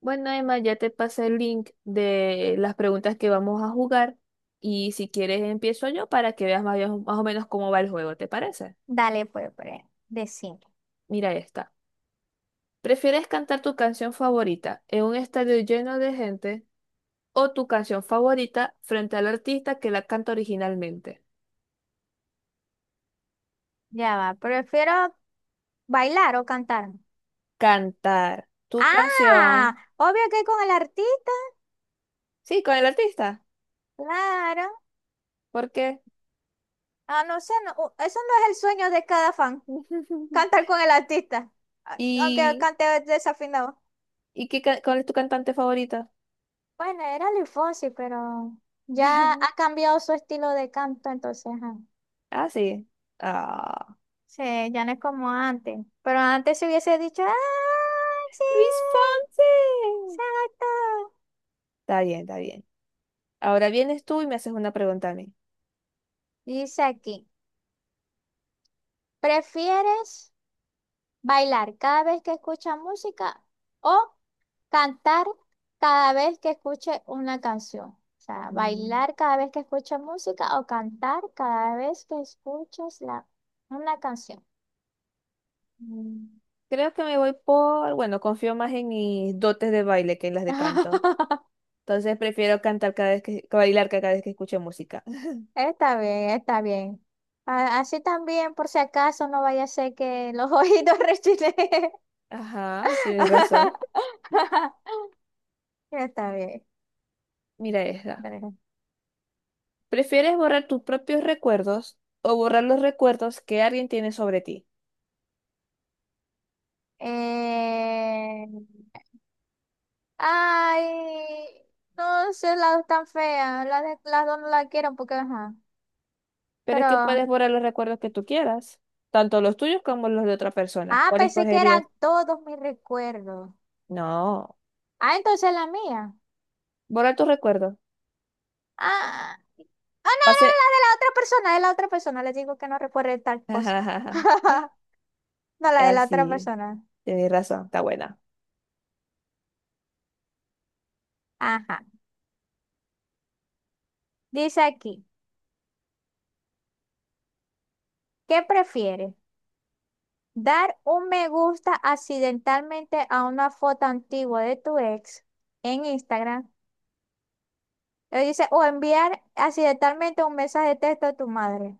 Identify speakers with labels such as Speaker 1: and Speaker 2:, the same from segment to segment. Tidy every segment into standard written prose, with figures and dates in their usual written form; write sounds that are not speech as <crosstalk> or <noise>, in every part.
Speaker 1: Bueno, Emma, ya te pasé el link de las preguntas que vamos a jugar y si quieres empiezo yo para que veas más o menos cómo va el juego, ¿te parece?
Speaker 2: Dale, pues, decime.
Speaker 1: Mira esta. ¿Prefieres cantar tu canción favorita en un estadio lleno de gente o tu canción favorita frente al artista que la canta originalmente?
Speaker 2: Ya va. ¿Prefiero bailar o cantar?
Speaker 1: Cantar tu
Speaker 2: Ah,
Speaker 1: canción.
Speaker 2: obvio que con el artista,
Speaker 1: Sí, con el artista.
Speaker 2: claro.
Speaker 1: ¿Por qué?
Speaker 2: Ah, no sé, no, eso no es el sueño de cada fan,
Speaker 1: <laughs>
Speaker 2: cantar con el artista, aunque
Speaker 1: ¿Y,
Speaker 2: cante desafinado.
Speaker 1: Cuál es tu cantante favorita?
Speaker 2: Bueno, era Luis Fonsi, pero ya ha
Speaker 1: <laughs>
Speaker 2: cambiado su estilo de canto, entonces, ajá.
Speaker 1: Ah, sí. Ah.
Speaker 2: Sí, ya no es como antes. Pero antes se hubiese dicho, ¡ay, sí!
Speaker 1: Luis Fonsi.
Speaker 2: ¡Exacto!
Speaker 1: Está bien, está bien. Ahora vienes tú y me haces una pregunta a mí.
Speaker 2: Dice aquí, ¿prefieres? Bailar cada vez que escucha música o cantar cada vez que escuche una canción. O sea,
Speaker 1: Mm,
Speaker 2: bailar cada vez que escucha música o cantar cada vez que escuches la, una canción.
Speaker 1: mm. Creo que me voy por, bueno, confío más en mis dotes de baile que en las de canto.
Speaker 2: <laughs>
Speaker 1: Entonces prefiero cantar cada vez que, bailar cada vez que escucho música. <laughs>
Speaker 2: Está bien, está bien. Así también, por si acaso, no vaya a ser que los ojitos <laughs> rechileen.
Speaker 1: Ajá, tienes razón.
Speaker 2: <laughs> Está bien.
Speaker 1: Mira esta.
Speaker 2: Pero,
Speaker 1: ¿Prefieres borrar tus propios recuerdos o borrar los recuerdos que alguien tiene sobre ti?
Speaker 2: Eh, ay, no sé, las dos tan feas. Las dos no la quiero porque, ajá.
Speaker 1: Pero es que
Speaker 2: Pero,
Speaker 1: puedes borrar los recuerdos que tú quieras, tanto los tuyos como los de otra persona.
Speaker 2: ah,
Speaker 1: ¿Cuál
Speaker 2: pensé que eran
Speaker 1: escogerías?
Speaker 2: todos mis recuerdos.
Speaker 1: No,
Speaker 2: Ah, entonces la mía.
Speaker 1: borrar tus recuerdos.
Speaker 2: Ah, no, no,
Speaker 1: Hace,
Speaker 2: la de la otra persona, de la otra persona. Les digo que no recuerde tal cosa.
Speaker 1: <laughs> es
Speaker 2: <laughs> No, la de la otra
Speaker 1: así,
Speaker 2: persona.
Speaker 1: tenés razón, está buena.
Speaker 2: Ajá. Dice aquí, ¿qué prefieres? ¿Dar un me gusta accidentalmente a una foto antigua de tu ex en Instagram? Dice, o enviar accidentalmente un mensaje de texto a tu madre.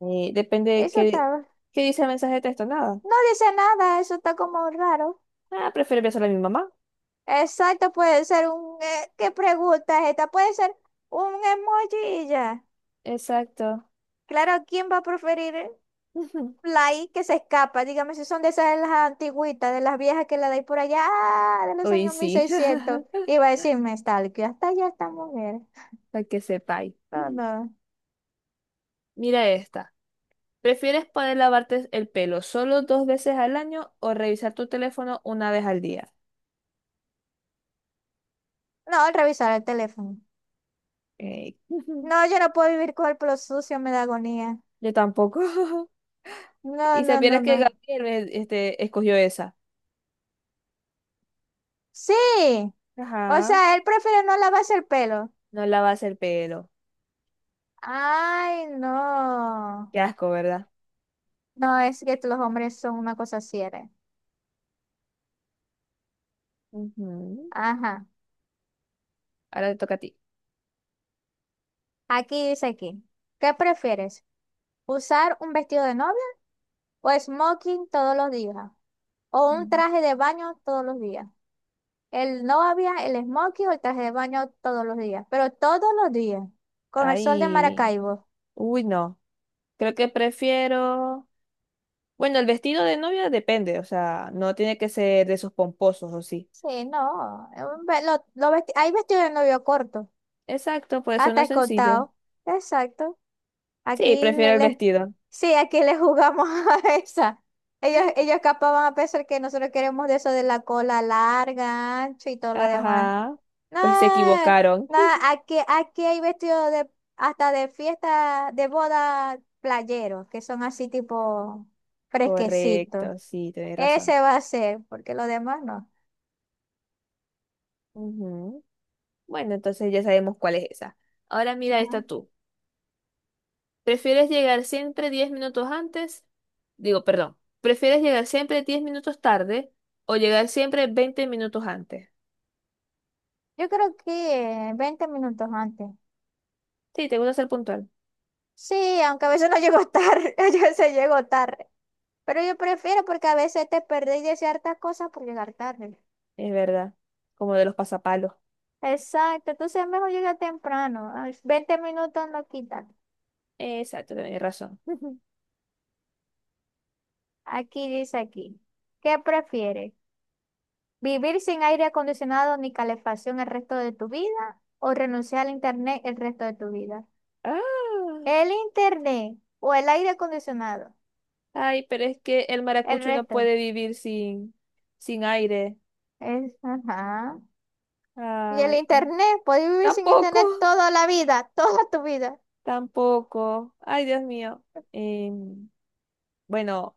Speaker 1: Y depende de
Speaker 2: Eso
Speaker 1: qué,
Speaker 2: está.
Speaker 1: qué dice el mensaje de texto, nada.
Speaker 2: No dice nada, eso está como raro.
Speaker 1: Ah, prefiero besar a mi mamá.
Speaker 2: Exacto, puede ser un, ¿qué pregunta es esta? Puede ser un emoji y ya.
Speaker 1: Exacto.
Speaker 2: Claro, ¿quién va a preferir
Speaker 1: <laughs>
Speaker 2: la I que se escapa? Dígame si son de esas de las antigüitas, de las viejas que la dais por allá, ah, de los
Speaker 1: Uy,
Speaker 2: años
Speaker 1: sí.
Speaker 2: 1600.
Speaker 1: <laughs>
Speaker 2: Iba a decirme, tal, que hasta allá esta mujer.
Speaker 1: Para que sepáis.
Speaker 2: No, no.
Speaker 1: Mira esta. ¿Prefieres poder lavarte el pelo solo 2 veces al año o revisar tu teléfono 1 vez al día?
Speaker 2: No, al revisar el teléfono.
Speaker 1: Eh, <laughs>
Speaker 2: No, yo no puedo vivir con el pelo sucio, me da agonía.
Speaker 1: yo tampoco. <laughs>
Speaker 2: No,
Speaker 1: Y
Speaker 2: no, no,
Speaker 1: supieras que
Speaker 2: no.
Speaker 1: Gabriel escogió esa.
Speaker 2: Sí. O
Speaker 1: Ajá.
Speaker 2: sea, él prefiere no lavarse el pelo.
Speaker 1: No lavas el pelo.
Speaker 2: Ay, no.
Speaker 1: Qué asco, ¿verdad?
Speaker 2: No, es que los hombres son una cosa cierta.
Speaker 1: Ujú.
Speaker 2: Ajá.
Speaker 1: Ahora te toca a ti.
Speaker 2: Aquí dice aquí. ¿Qué prefieres? ¿Usar un vestido de novia o smoking todos los días? ¿O un
Speaker 1: Mm.
Speaker 2: traje de baño todos los días? El novia, el smoking o el traje de baño todos los días. Pero todos los días. Con el sol de
Speaker 1: Ay,
Speaker 2: Maracaibo.
Speaker 1: uy, no. Creo que prefiero. Bueno, el vestido de novia depende, o sea, no tiene que ser de esos pomposos o sí.
Speaker 2: Sí, no. Un ve- lo vesti- Hay vestido de novio corto.
Speaker 1: Exacto, puede
Speaker 2: Ah,
Speaker 1: ser uno
Speaker 2: está
Speaker 1: sencillo.
Speaker 2: escoltado. Exacto.
Speaker 1: Sí,
Speaker 2: Aquí le,
Speaker 1: prefiero el
Speaker 2: le-
Speaker 1: vestido.
Speaker 2: sí, aquí le jugamos <laughs> a esa. Ellos,
Speaker 1: <gasps>
Speaker 2: ellos capaz van a pensar que nosotros queremos de eso de la cola larga, ancho y todo lo demás.
Speaker 1: Ajá,
Speaker 2: No,
Speaker 1: pues se equivocaron.
Speaker 2: no,
Speaker 1: <laughs>
Speaker 2: aquí hay vestidos de, hasta de fiesta, de boda playeros, que son así tipo fresquecitos.
Speaker 1: Correcto, sí, tenés razón.
Speaker 2: Ese va a ser, porque lo demás no.
Speaker 1: Ujú. Bueno, entonces ya sabemos cuál es esa. Ahora mira esta
Speaker 2: Ujú.
Speaker 1: tú. ¿Prefieres llegar siempre 10 minutos antes? Digo, perdón, ¿prefieres llegar siempre 10 minutos tarde o llegar siempre 20 minutos antes?
Speaker 2: Yo creo que 20 minutos antes.
Speaker 1: Sí, te gusta ser puntual.
Speaker 2: Sí, aunque a veces no llego tarde, <laughs> a veces llego tarde. Pero yo prefiero porque a veces te perdés de ciertas cosas por llegar tarde.
Speaker 1: Es verdad. Como de los pasapalos.
Speaker 2: Exacto, entonces es mejor llegar temprano. A los minutos no quitan.
Speaker 1: Exacto, tenés razón. <laughs>
Speaker 2: Aquí dice aquí. ¿Qué prefieres? ¿Vivir sin aire acondicionado ni calefacción el resto de tu vida o renunciar al internet el resto de tu vida?
Speaker 1: Ah,
Speaker 2: ¿El internet o el aire acondicionado?
Speaker 1: ay, pero es que el
Speaker 2: El
Speaker 1: maracucho no
Speaker 2: resto.
Speaker 1: puede vivir sin, sin aire.
Speaker 2: Es, ajá. Y el
Speaker 1: Ay,
Speaker 2: internet, puedes vivir sin
Speaker 1: tampoco,
Speaker 2: internet toda la vida, <laughs> toda tu vida.
Speaker 1: tampoco. Ay, Dios mío. Em, bueno,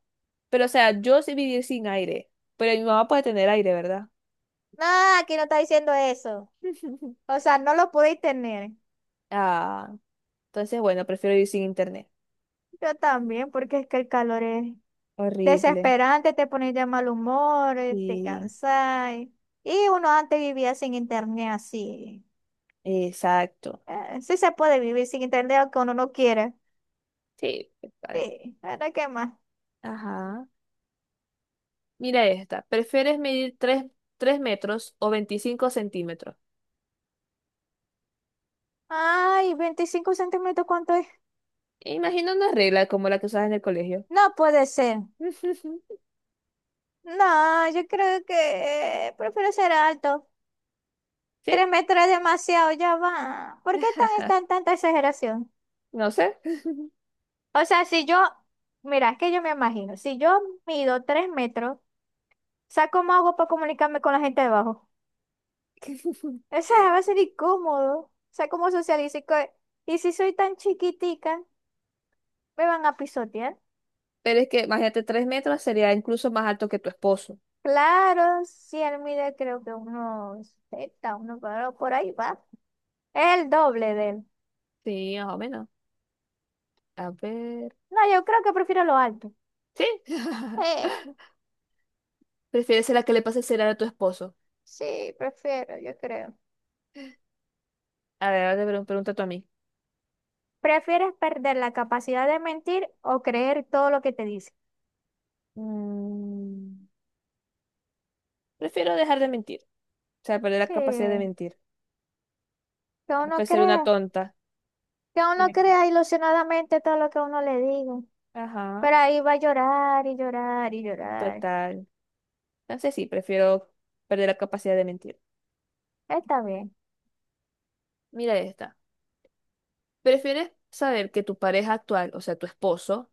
Speaker 1: pero o sea, yo sé vivir sin aire, pero mi mamá puede tener aire, ¿verdad?
Speaker 2: No, aquí no está diciendo eso.
Speaker 1: <laughs>
Speaker 2: O sea, no lo podéis tener.
Speaker 1: Ah. Entonces, bueno, prefiero ir sin internet.
Speaker 2: Yo también, porque es que el calor es
Speaker 1: Horrible.
Speaker 2: desesperante, te pones de mal humor, te
Speaker 1: Sí,
Speaker 2: cansáis. Y uno antes vivía sin internet así.
Speaker 1: exacto.
Speaker 2: Sí se puede vivir sin internet aunque uno no quiere.
Speaker 1: Sí, a ver,
Speaker 2: Sí, ahora qué más.
Speaker 1: ajá. Mira esta. ¿Prefieres medir tres metros o 25 centímetros?
Speaker 2: Ay, 25 centímetros, ¿cuánto es?
Speaker 1: Imagina una regla como la que usas en el colegio.
Speaker 2: No puede ser.
Speaker 1: <laughs>
Speaker 2: No, yo creo que prefiero ser alto.
Speaker 1: ¿Sí?
Speaker 2: Tres metros es demasiado, ya va. ¿Por qué
Speaker 1: <laughs>
Speaker 2: tanta exageración?
Speaker 1: No sé. <laughs>
Speaker 2: O sea, si yo, mira, es que yo me imagino, si yo mido 3 metros, o sea, ¿cómo hago para comunicarme con la gente debajo abajo? O sea, va a ser incómodo. O sea, ¿cómo socializo? Y si soy tan chiquitica, ¿me van a pisotear?
Speaker 1: Pero es que, imagínate, 3 metros sería incluso más alto que tu esposo.
Speaker 2: Claro, si él mide creo que unos 70, uno pero por ahí va. Es el doble de él.
Speaker 1: Sí, más o menos. A ver.
Speaker 2: No, yo creo que prefiero lo alto.
Speaker 1: Sí. <laughs>
Speaker 2: Eh,
Speaker 1: ¿Prefieres ser la que le pase el celular a tu esposo?
Speaker 2: sí, prefiero, yo creo.
Speaker 1: A ver, ahora te pregunta tú a mí.
Speaker 2: ¿Prefieres perder la capacidad de mentir o creer todo lo que te dice?
Speaker 1: Mm, prefiero dejar de mentir. O sea, perder la
Speaker 2: Sí,
Speaker 1: capacidad de mentir.
Speaker 2: uno
Speaker 1: A ser una
Speaker 2: crea,
Speaker 1: tonta.
Speaker 2: que uno
Speaker 1: Tiene-
Speaker 2: crea ilusionadamente todo lo que uno le diga.
Speaker 1: Ajá,
Speaker 2: Pero ahí va a llorar y llorar y llorar.
Speaker 1: total. Entonces sí, prefiero perder la capacidad de mentir.
Speaker 2: Está bien.
Speaker 1: Mira esta. ¿Prefieres saber que tu pareja actual, o sea, tu esposo,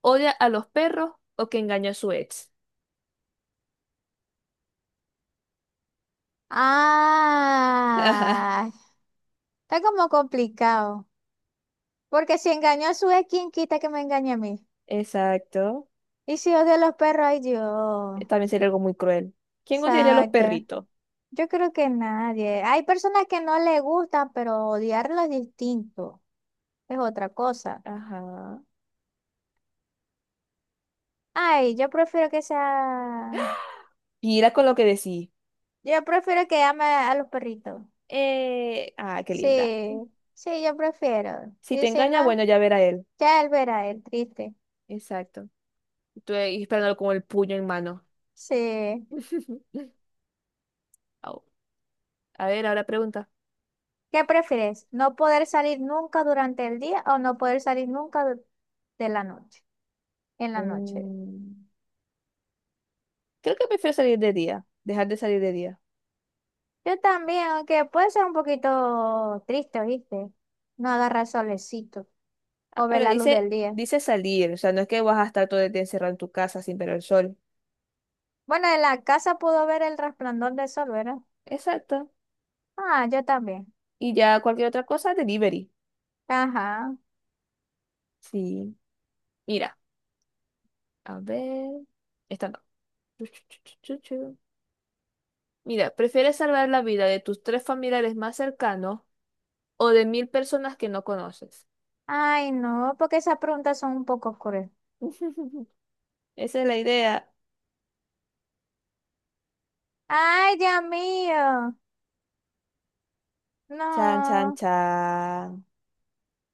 Speaker 1: odia a los perros o que engañó a su ex?
Speaker 2: Ah, está como complicado. Porque si engañó a su ex, ¿quién quita que me engañe a mí?
Speaker 1: <laughs> Exacto.
Speaker 2: Y si odio a los perros, ay Dios.
Speaker 1: También sería algo muy cruel. ¿Quién odiaría a los
Speaker 2: Exacto.
Speaker 1: perritos?
Speaker 2: Yo creo que nadie. Hay personas que no le gustan, pero odiarlo es distinto. Es otra cosa.
Speaker 1: Ajá.
Speaker 2: Ay, yo prefiero que sea.
Speaker 1: Mira con lo que decís.
Speaker 2: Yo prefiero que ame a los perritos.
Speaker 1: Qué linda.
Speaker 2: Sí, sí, yo prefiero.
Speaker 1: Si te
Speaker 2: Y si
Speaker 1: engaña,
Speaker 2: no,
Speaker 1: bueno, ya verá él.
Speaker 2: ya él verá, el triste.
Speaker 1: Exacto. Estuve ahí esperándolo con el puño en mano.
Speaker 2: Sí.
Speaker 1: <laughs> Au. A ver, ahora pregunta.
Speaker 2: ¿Qué prefieres? ¿No poder salir nunca durante el día o no poder salir nunca de la noche? En la noche.
Speaker 1: Mm, creo que prefiero salir de día, dejar de salir de día.
Speaker 2: Yo también, aunque puede ser un poquito triste, ¿viste? No agarrar solecito
Speaker 1: Ah,
Speaker 2: o ver
Speaker 1: pero
Speaker 2: la luz
Speaker 1: dice,
Speaker 2: del día.
Speaker 1: dice salir, o sea, no es que vas a estar todo el día encerrado en tu casa sin ver el sol.
Speaker 2: Bueno, en la casa puedo ver el resplandor del sol, ¿verdad?
Speaker 1: Exacto.
Speaker 2: Ah, yo también.
Speaker 1: Y ya cualquier otra cosa, delivery.
Speaker 2: Ajá.
Speaker 1: Sí. Mira, a ver. Esta no. Chu, chu, chu, chu, chu, chu. Mira, ¿prefieres salvar la vida de tus tres familiares más cercanos o de 1.000 personas que no conoces?
Speaker 2: Ay, no, porque esas preguntas son un poco crueles.
Speaker 1: <laughs> Esa es la idea.
Speaker 2: Ay, Dios mío.
Speaker 1: Chan, chan,
Speaker 2: No.
Speaker 1: chan.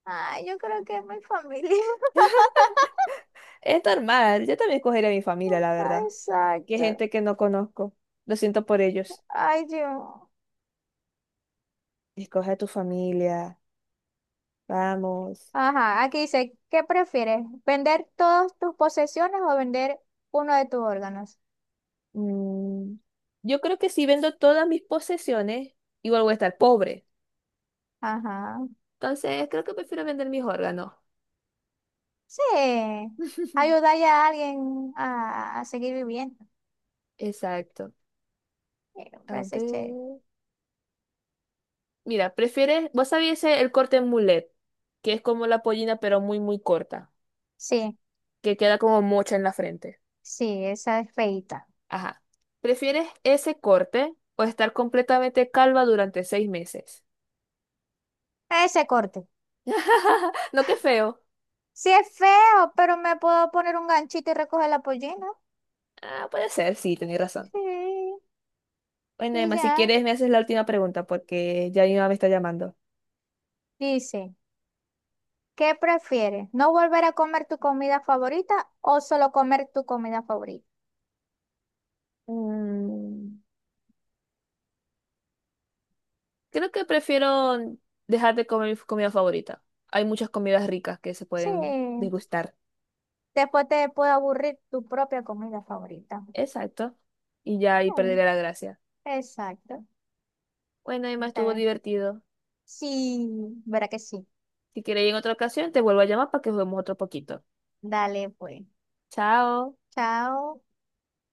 Speaker 2: Ay, yo creo que es mi familia.
Speaker 1: Es normal, yo también escogería a mi familia, la
Speaker 2: <laughs> Ay,
Speaker 1: verdad. Que
Speaker 2: exacto.
Speaker 1: gente que no conozco. Lo siento por ellos.
Speaker 2: Ay, Dios.
Speaker 1: Escoge a tu familia. Vamos.
Speaker 2: Ajá, aquí dice, ¿qué prefieres? ¿Vender todas tus posesiones o vender uno de tus órganos?
Speaker 1: Mm, yo creo que si vendo todas mis posesiones, igual voy a estar pobre.
Speaker 2: Ajá.
Speaker 1: Entonces, creo que prefiero vender mis órganos.
Speaker 2: Sí.
Speaker 1: <laughs>
Speaker 2: Ayudar ya a alguien a seguir viviendo.
Speaker 1: Exacto.
Speaker 2: Sí, me
Speaker 1: A
Speaker 2: parece chévere.
Speaker 1: ver. Mira, prefieres, vos sabías el corte en mulet, que es como la pollina, pero muy, muy corta,
Speaker 2: Sí,
Speaker 1: que queda como mocha en la frente.
Speaker 2: sí, esa es feita.
Speaker 1: Ajá. ¿Prefieres ese corte o estar completamente calva durante 6 meses?
Speaker 2: Ese corte.
Speaker 1: <laughs> No, qué feo.
Speaker 2: Sí es feo, pero me puedo poner un ganchito y recoger la pollina.
Speaker 1: Ah, puede ser, sí, tenés razón.
Speaker 2: Sí,
Speaker 1: Bueno,
Speaker 2: y
Speaker 1: Emma, si
Speaker 2: ya.
Speaker 1: quieres me haces la última pregunta porque ya mi mamá me está llamando.
Speaker 2: Dice, ¿qué prefieres? ¿No volver a comer tu comida favorita o solo comer tu comida favorita?
Speaker 1: Mm, creo que prefiero dejar de comer mi comida favorita. Hay muchas comidas ricas que se
Speaker 2: Sí,
Speaker 1: pueden degustar.
Speaker 2: después te puede aburrir tu propia comida favorita.
Speaker 1: Exacto. Y ya ahí
Speaker 2: Mm,
Speaker 1: perderé la gracia.
Speaker 2: exacto.
Speaker 1: Bueno, Emma,
Speaker 2: Está
Speaker 1: estuvo
Speaker 2: bien.
Speaker 1: divertido.
Speaker 2: Sí, verá que sí.
Speaker 1: Si quieres ir en otra ocasión, te vuelvo a llamar para que juguemos otro poquito.
Speaker 2: Dale, pues.
Speaker 1: Chao.
Speaker 2: Chao.